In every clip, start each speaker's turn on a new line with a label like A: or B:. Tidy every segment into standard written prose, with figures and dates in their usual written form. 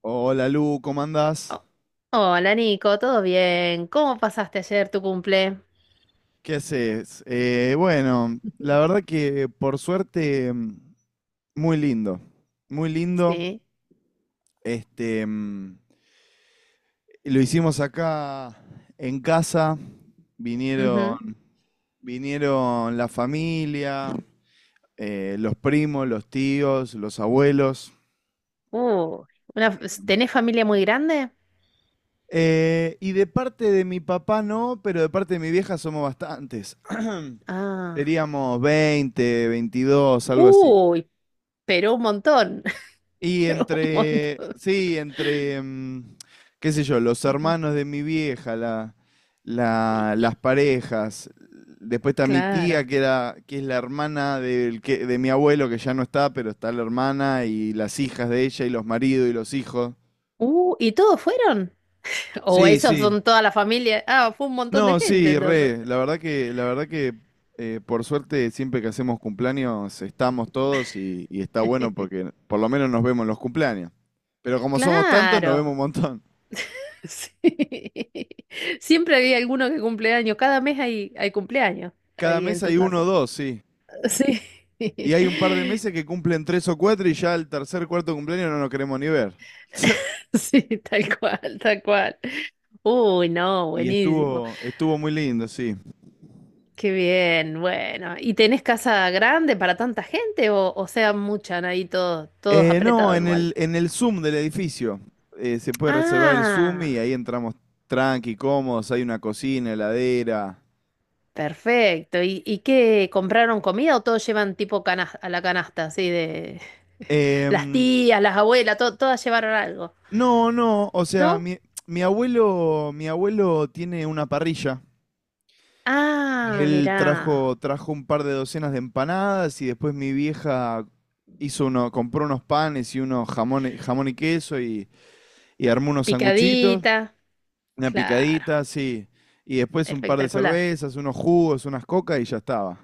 A: Hola Lu, ¿cómo andás?
B: Oh, Hola Nico, ¿todo bien? ¿Cómo pasaste ayer tu cumple?
A: ¿Qué haces? Bueno, la verdad que por suerte muy lindo, muy lindo.
B: Sí.
A: Este, lo hicimos acá en casa,
B: Ujú.
A: vinieron, vinieron la familia, los primos, los tíos, los abuelos.
B: Uh, ¿tenés familia muy grande?
A: Y de parte de mi papá no, pero de parte de mi vieja somos bastantes.
B: Ah.
A: Seríamos 20, 22, algo así.
B: Uy, pero un montón.
A: Y
B: Un
A: entre,
B: montón.
A: sí, entre, qué sé yo, los hermanos de mi vieja,
B: Y, y-
A: las parejas. Después está mi
B: claro.
A: tía, que es la hermana de mi abuelo, que ya no está, pero está la hermana y las hijas de ella y los maridos y los hijos.
B: ¿Y todos fueron? ¿O
A: Sí,
B: esos
A: sí.
B: son toda la familia? Ah, fue un montón de
A: No,
B: gente
A: sí,
B: entonces.
A: re, la verdad que por suerte siempre que hacemos cumpleaños estamos todos y está bueno porque por lo menos nos vemos en los cumpleaños. Pero como somos tantos, nos vemos
B: Claro.
A: un montón.
B: Sí. Siempre había alguno que cumple años. Cada mes hay cumpleaños
A: Cada
B: ahí
A: mes
B: en tu
A: hay uno o
B: casa.
A: dos, sí.
B: Sí,
A: Y hay un par de meses que cumplen tres o cuatro y ya el tercer, cuarto cumpleaños no nos queremos ni ver.
B: sí, tal cual, tal cual. Uy, no,
A: Y
B: buenísimo.
A: estuvo muy lindo, sí.
B: Qué bien, bueno. ¿Y tenés casa grande para tanta gente o sea, muchan ahí todos, todos
A: No,
B: apretados
A: en
B: igual?
A: el Zoom del edificio. Se puede reservar el Zoom y
B: Ah,
A: ahí entramos tranqui, cómodos, hay una cocina, heladera.
B: perfecto. ¿Y qué? ¿Compraron comida o todos llevan tipo a la canasta, así de las
A: Em,
B: tías, las abuelas, todas llevaron algo?
A: no, no, o sea,
B: ¿No?
A: mi abuelo tiene una parrilla. Y
B: Ah,
A: él
B: mirá,
A: trajo un par de docenas de empanadas y después mi vieja hizo uno, compró unos panes y unos jamón y queso y armó unos sanguchitos,
B: picadita.
A: una
B: Claro,
A: picadita, sí. Y después un par de
B: espectacular.
A: cervezas, unos jugos, unas cocas y ya estaba.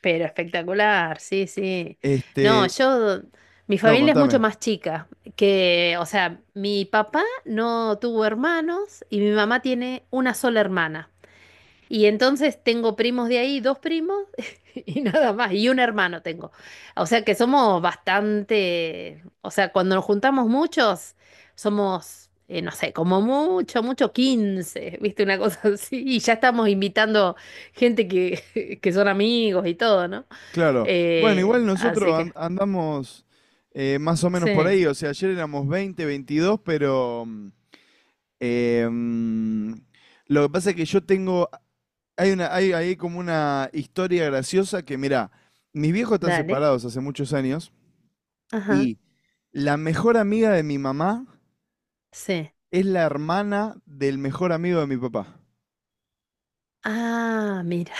B: Pero espectacular, sí, sí. No,
A: Este,
B: yo, mi
A: no,
B: familia es mucho
A: contame.
B: más chica que, o sea, mi papá no tuvo hermanos y mi mamá tiene una sola hermana. Y entonces tengo primos de ahí, dos primos y nada más, y un hermano tengo. O sea que somos bastante, o sea, cuando nos juntamos muchos, somos, no sé, como mucho, mucho 15, ¿viste? Una cosa así. Y ya estamos invitando gente que, que son amigos y todo, ¿no?
A: Claro. Bueno, igual nosotros
B: Así que,
A: andamos más o menos por
B: sí,
A: ahí. O sea, ayer éramos 20 22 pero. Eh, mm, lo que pasa es que yo tengo. Hay como una historia graciosa que, mirá, mis viejos están
B: dale.
A: separados hace muchos años
B: Ajá,
A: y la mejor amiga de mi mamá
B: sí.
A: es la hermana del mejor amigo de mi papá.
B: Ah, mira,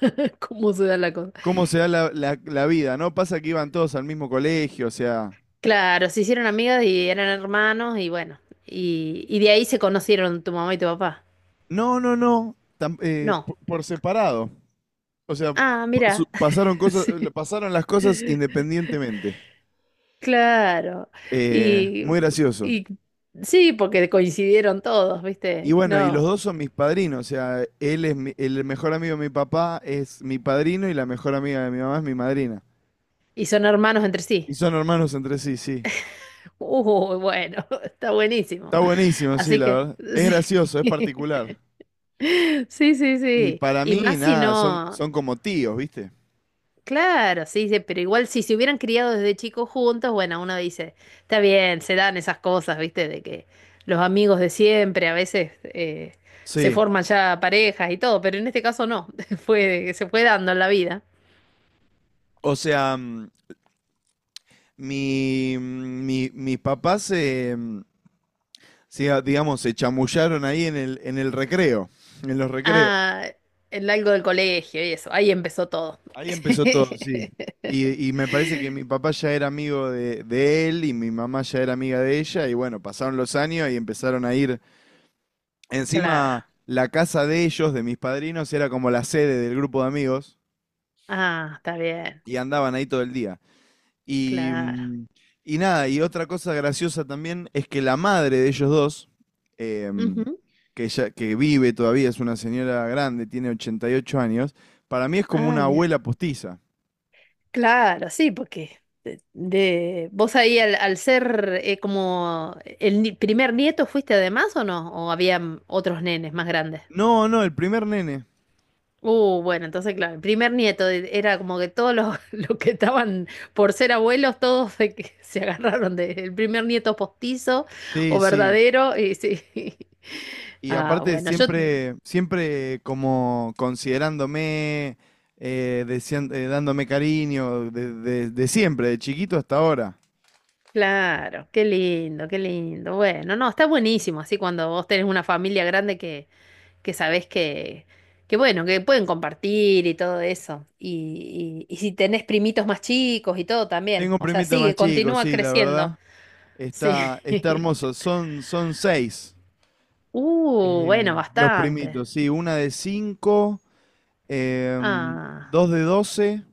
B: cómo se da la cosa.
A: ¿Cómo se da la vida? ¿No pasa que iban todos al mismo colegio? O sea,
B: Claro, se hicieron amigas y eran hermanos y bueno, y de ahí se conocieron tu mamá y tu papá.
A: no, no, no,
B: No.
A: separado. O sea,
B: Ah,
A: pa- su-
B: mira,
A: pasaron cosas,
B: sí,
A: pasaron las cosas independientemente.
B: claro. Y,
A: Muy gracioso.
B: y sí, porque coincidieron todos,
A: Y
B: ¿viste?
A: bueno, y los dos
B: No.
A: son mis padrinos, o sea, él es el mejor amigo de mi papá es mi padrino y la mejor amiga de mi mamá es mi madrina.
B: Y son hermanos entre
A: Y
B: sí.
A: son hermanos entre sí, sí.
B: Bueno, está buenísimo.
A: Está buenísimo, sí,
B: Así
A: la
B: que,
A: verdad. Es gracioso, es
B: sí.
A: particular.
B: Sí, sí,
A: Y
B: sí.
A: para
B: Y
A: mí,
B: más si
A: nada, son,
B: no.
A: son como tíos, ¿viste?
B: Claro, sí, sí, pero igual si se hubieran criado desde chicos juntos, bueno, uno dice, está bien, se dan esas cosas, ¿viste? De que los amigos de siempre a veces se
A: Sí.
B: forman ya parejas y todo, pero en este caso no, fue, se fue dando en la vida.
A: O sea, mis papás digamos, se chamullaron ahí en el en los recreos.
B: Ah, en algo del colegio y eso, ahí empezó todo.
A: Ahí empezó todo, sí. Y me parece que mi papá ya era amigo de él y mi mamá ya era amiga de ella y bueno, pasaron los años y empezaron a ir.
B: Claro.
A: Encima, la casa de ellos, de mis padrinos, era como la sede del grupo de amigos
B: Ah, está bien,
A: y andaban ahí todo el día. Y,
B: claro.
A: mm, y nada, y otra cosa graciosa también es que la madre de ellos dos, em,
B: Ujú.
A: que, ya, que vive todavía, es una señora grande, tiene 88 años, para mí es como
B: Ay,
A: una
B: mira.
A: abuela postiza.
B: Claro, sí, porque vos ahí al ser como el primer nieto fuiste además o no, o había otros nenes más grandes.
A: No, no, el primer nene.
B: Bueno, entonces claro, el primer nieto era como que los que estaban por ser abuelos, se agarraron del primer nieto postizo o
A: Sí, sí.
B: verdadero y sí.
A: Y
B: Ah,
A: aparte
B: bueno, yo,
A: siempre, siempre como considerándome, dándome cariño, de siempre, de chiquito hasta ahora.
B: claro, qué lindo, qué lindo. Bueno, no, está buenísimo, así cuando vos tenés una familia grande que sabés que bueno, que pueden compartir y todo eso. Y si tenés primitos más chicos y todo también.
A: Tengo un
B: O sea,
A: primito más
B: sigue,
A: chico,
B: continúa
A: sí, la
B: creciendo.
A: verdad.
B: Sí.
A: Está, está hermoso. Son seis
B: Uh,
A: eh,
B: bueno,
A: los
B: bastante.
A: primitos, sí. Una de 5,
B: Ah,
A: dos de 12,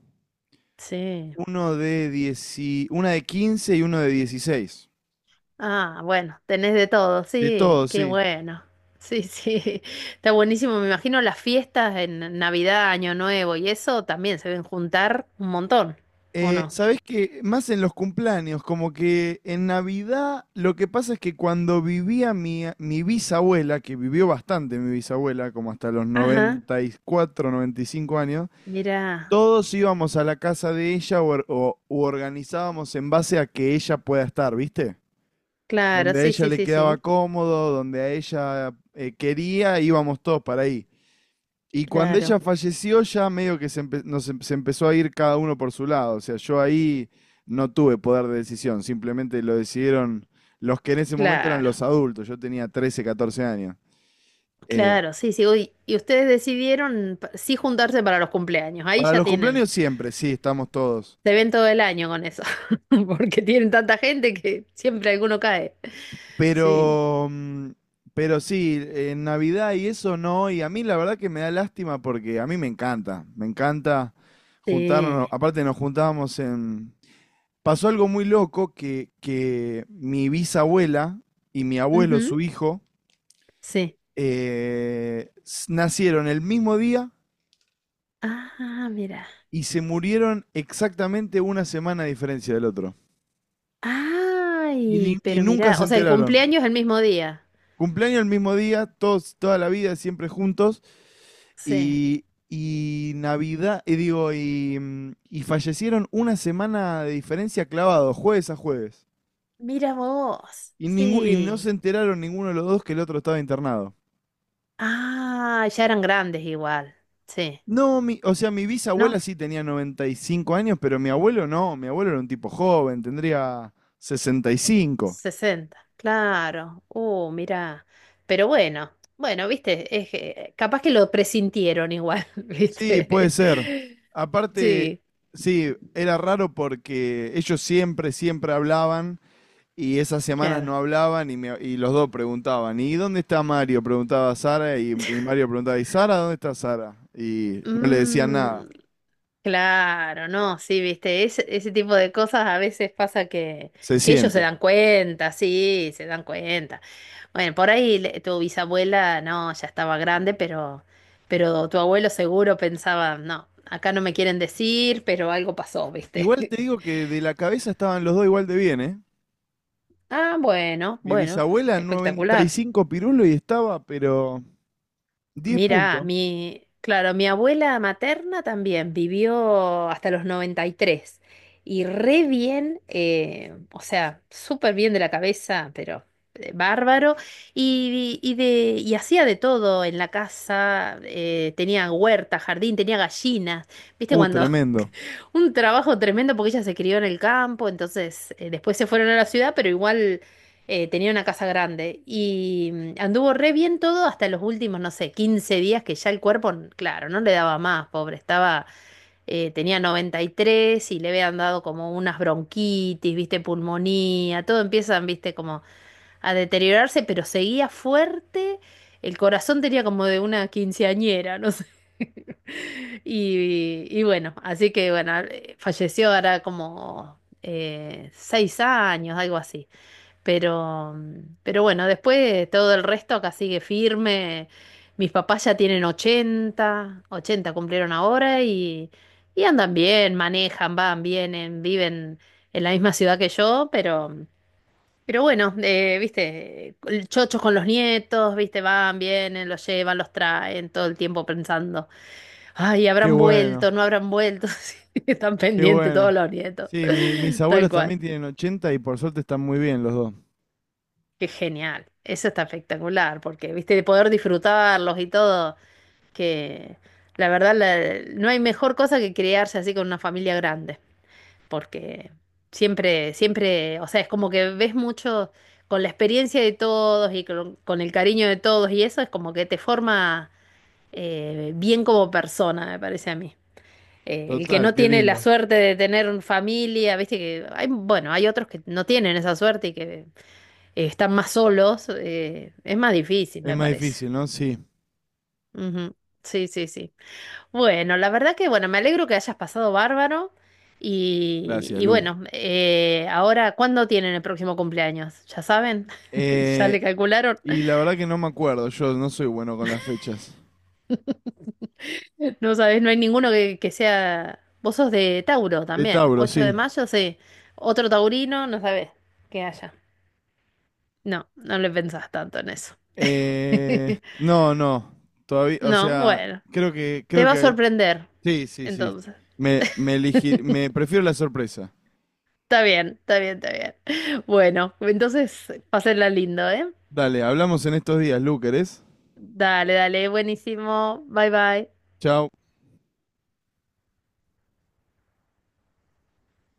B: sí.
A: una de 15 y uno de 16.
B: Ah, bueno, tenés de todo,
A: De
B: sí,
A: todo,
B: qué
A: sí.
B: bueno. Sí, sí, está buenísimo. Me imagino las fiestas en Navidad, Año Nuevo y eso también se ven juntar un montón, ¿o no?
A: Sabés que más en los cumpleaños, como que en Navidad lo que pasa es que cuando vivía mi bisabuela, que vivió bastante mi bisabuela, como hasta los
B: Ajá,
A: 94, 95 años,
B: mira,
A: todos íbamos a la casa de ella u organizábamos en base a que ella pueda estar, ¿viste?
B: claro,
A: Donde a
B: sí,
A: ella
B: sí,
A: le
B: sí,
A: quedaba
B: sí,
A: cómodo, donde a ella quería, íbamos todos para ahí. Y cuando ella
B: claro.
A: falleció, ya medio que se empezó a ir cada uno por su lado. O sea, yo ahí no tuve poder de decisión, simplemente lo decidieron los que en ese momento eran
B: Claro,
A: los adultos. Yo tenía 13, 14 años. Eh,
B: claro, sí, sí. Uy, y ustedes decidieron sí juntarse para los cumpleaños. Ahí
A: para
B: ya
A: los
B: tienen,
A: cumpleaños siempre, sí, estamos todos.
B: se ven todo el año con eso, porque tienen tanta gente que siempre alguno cae. Sí,
A: Pero, mm, pero sí, en Navidad y eso no. Y a mí la verdad que me da lástima porque a mí me encanta juntarnos.
B: sí.
A: Aparte pasó algo muy loco que mi bisabuela y mi abuelo,
B: Ujú,
A: su hijo,
B: sí.
A: nacieron el mismo día
B: Ah, mira.
A: y se murieron exactamente una semana a diferencia del otro. Y, ni-
B: Ay,
A: y
B: pero
A: nunca
B: mira,
A: se
B: o sea, el
A: enteraron.
B: cumpleaños es el mismo día.
A: Cumpleaños el mismo día, todos, toda la vida, siempre juntos.
B: Sí.
A: Y Navidad, y digo, y fallecieron una semana de diferencia clavado, jueves a jueves.
B: Mira vos.
A: Y no se
B: Sí.
A: enteraron ninguno de los dos que el otro estaba internado.
B: Ah, ya eran grandes igual. Sí.
A: No, o sea, mi bisabuela
B: ¿No?
A: sí tenía 95 años, pero mi abuelo no. Mi abuelo era un tipo joven, tendría 65.
B: Sesenta claro. Mirá. Pero bueno, bueno, viste, es que capaz que lo presintieron igual,
A: Sí, puede
B: viste.
A: ser. Aparte,
B: Sí,
A: sí, era raro porque ellos siempre, siempre hablaban y esas semanas
B: claro.
A: no hablaban y los dos preguntaban, ¿y dónde está Mario? Preguntaba Sara y Mario preguntaba, ¿y Sara dónde está Sara? Y no le decían nada.
B: Mm, claro, no, sí, viste, ese tipo de cosas a veces pasa que,
A: Se
B: que ellos se
A: siente.
B: dan cuenta, sí, se dan cuenta. Bueno, por ahí tu bisabuela, no, ya estaba grande, pero tu abuelo seguro pensaba, no, acá no me quieren decir, pero algo pasó,
A: Igual
B: viste.
A: te digo que de la cabeza estaban los dos igual de bien, ¿eh?
B: Ah, bueno,
A: Mi
B: bueno,
A: bisabuela
B: espectacular.
A: 95 pirulo y estaba, pero 10
B: Mira,
A: puntos.
B: mi, claro, mi abuela materna también vivió hasta los 93 y tres y re bien, o sea, súper bien de la cabeza, pero bárbaro, y, de, y hacía de todo en la casa, tenía huerta, jardín, tenía gallinas, viste cuando
A: Tremendo.
B: un trabajo tremendo porque ella se crió en el campo, entonces después se fueron a la ciudad, pero igual tenía una casa grande y anduvo re bien todo hasta los últimos, no sé, 15 días que ya el cuerpo, claro, no le daba más, pobre, estaba, tenía 93 y tres y le habían dado como unas bronquitis, viste, pulmonía, todo empiezan, viste, como a deteriorarse, pero seguía fuerte, el corazón tenía como de una quinceañera, no sé. Y bueno, así que bueno, falleció ahora como 6 años, algo así. Pero, pero bueno, después todo el resto acá sigue firme. Mis papás ya tienen ochenta, 80 cumplieron ahora y andan bien, manejan, van, vienen, viven en la misma ciudad que yo, pero, pero bueno, viste, chochos con los nietos, viste, van, vienen, los llevan, los traen, todo el tiempo pensando, ay,
A: Qué
B: habrán vuelto,
A: bueno,
B: no habrán vuelto, sí, están
A: qué
B: pendientes todos
A: bueno.
B: los nietos,
A: Sí, mis
B: tal
A: abuelos
B: cual.
A: también tienen 80 y por suerte están muy bien los dos.
B: Qué genial, eso está espectacular, porque viste, de poder disfrutarlos y todo, que la verdad no hay mejor cosa que criarse así con una familia grande, porque siempre, siempre, o sea, es como que ves mucho con la experiencia de todos y con el cariño de todos y eso es como que te forma bien como persona, me parece a mí. El que
A: Total,
B: no
A: qué
B: tiene la
A: lindo.
B: suerte de tener familia, viste que hay, bueno, hay otros que no tienen esa suerte y que están más solos, es más difícil,
A: Es
B: me
A: más
B: parece.
A: difícil, ¿no? Sí.
B: Ujú. Sí, sí, sí. Bueno, la verdad que, bueno, me alegro que hayas pasado bárbaro. Y,
A: Gracias,
B: y
A: Lu.
B: bueno, ahora, ¿cuándo tienen el próximo cumpleaños? ¿Ya saben? ¿Ya
A: Eh,
B: le calcularon?
A: y la verdad que no me acuerdo, yo no soy bueno con las fechas.
B: No sabes, no hay ninguno que sea... Vos sos de Tauro
A: De
B: también,
A: Tauro,
B: 8 de
A: sí.
B: mayo, sí. Otro taurino, no sabés que haya. No, no le pensás tanto en eso.
A: No, no. Todavía, o
B: No,
A: sea,
B: bueno,
A: creo que,
B: te
A: creo
B: va a
A: que,
B: sorprender,
A: sí, sí, sí.
B: entonces.
A: Me prefiero la sorpresa.
B: Está bien, está bien, está bien. Bueno, entonces, pásenla lindo, ¿eh?
A: Dale, hablamos en estos días, Lu, ¿querés?
B: Dale, dale, buenísimo. Bye, bye.
A: Chao.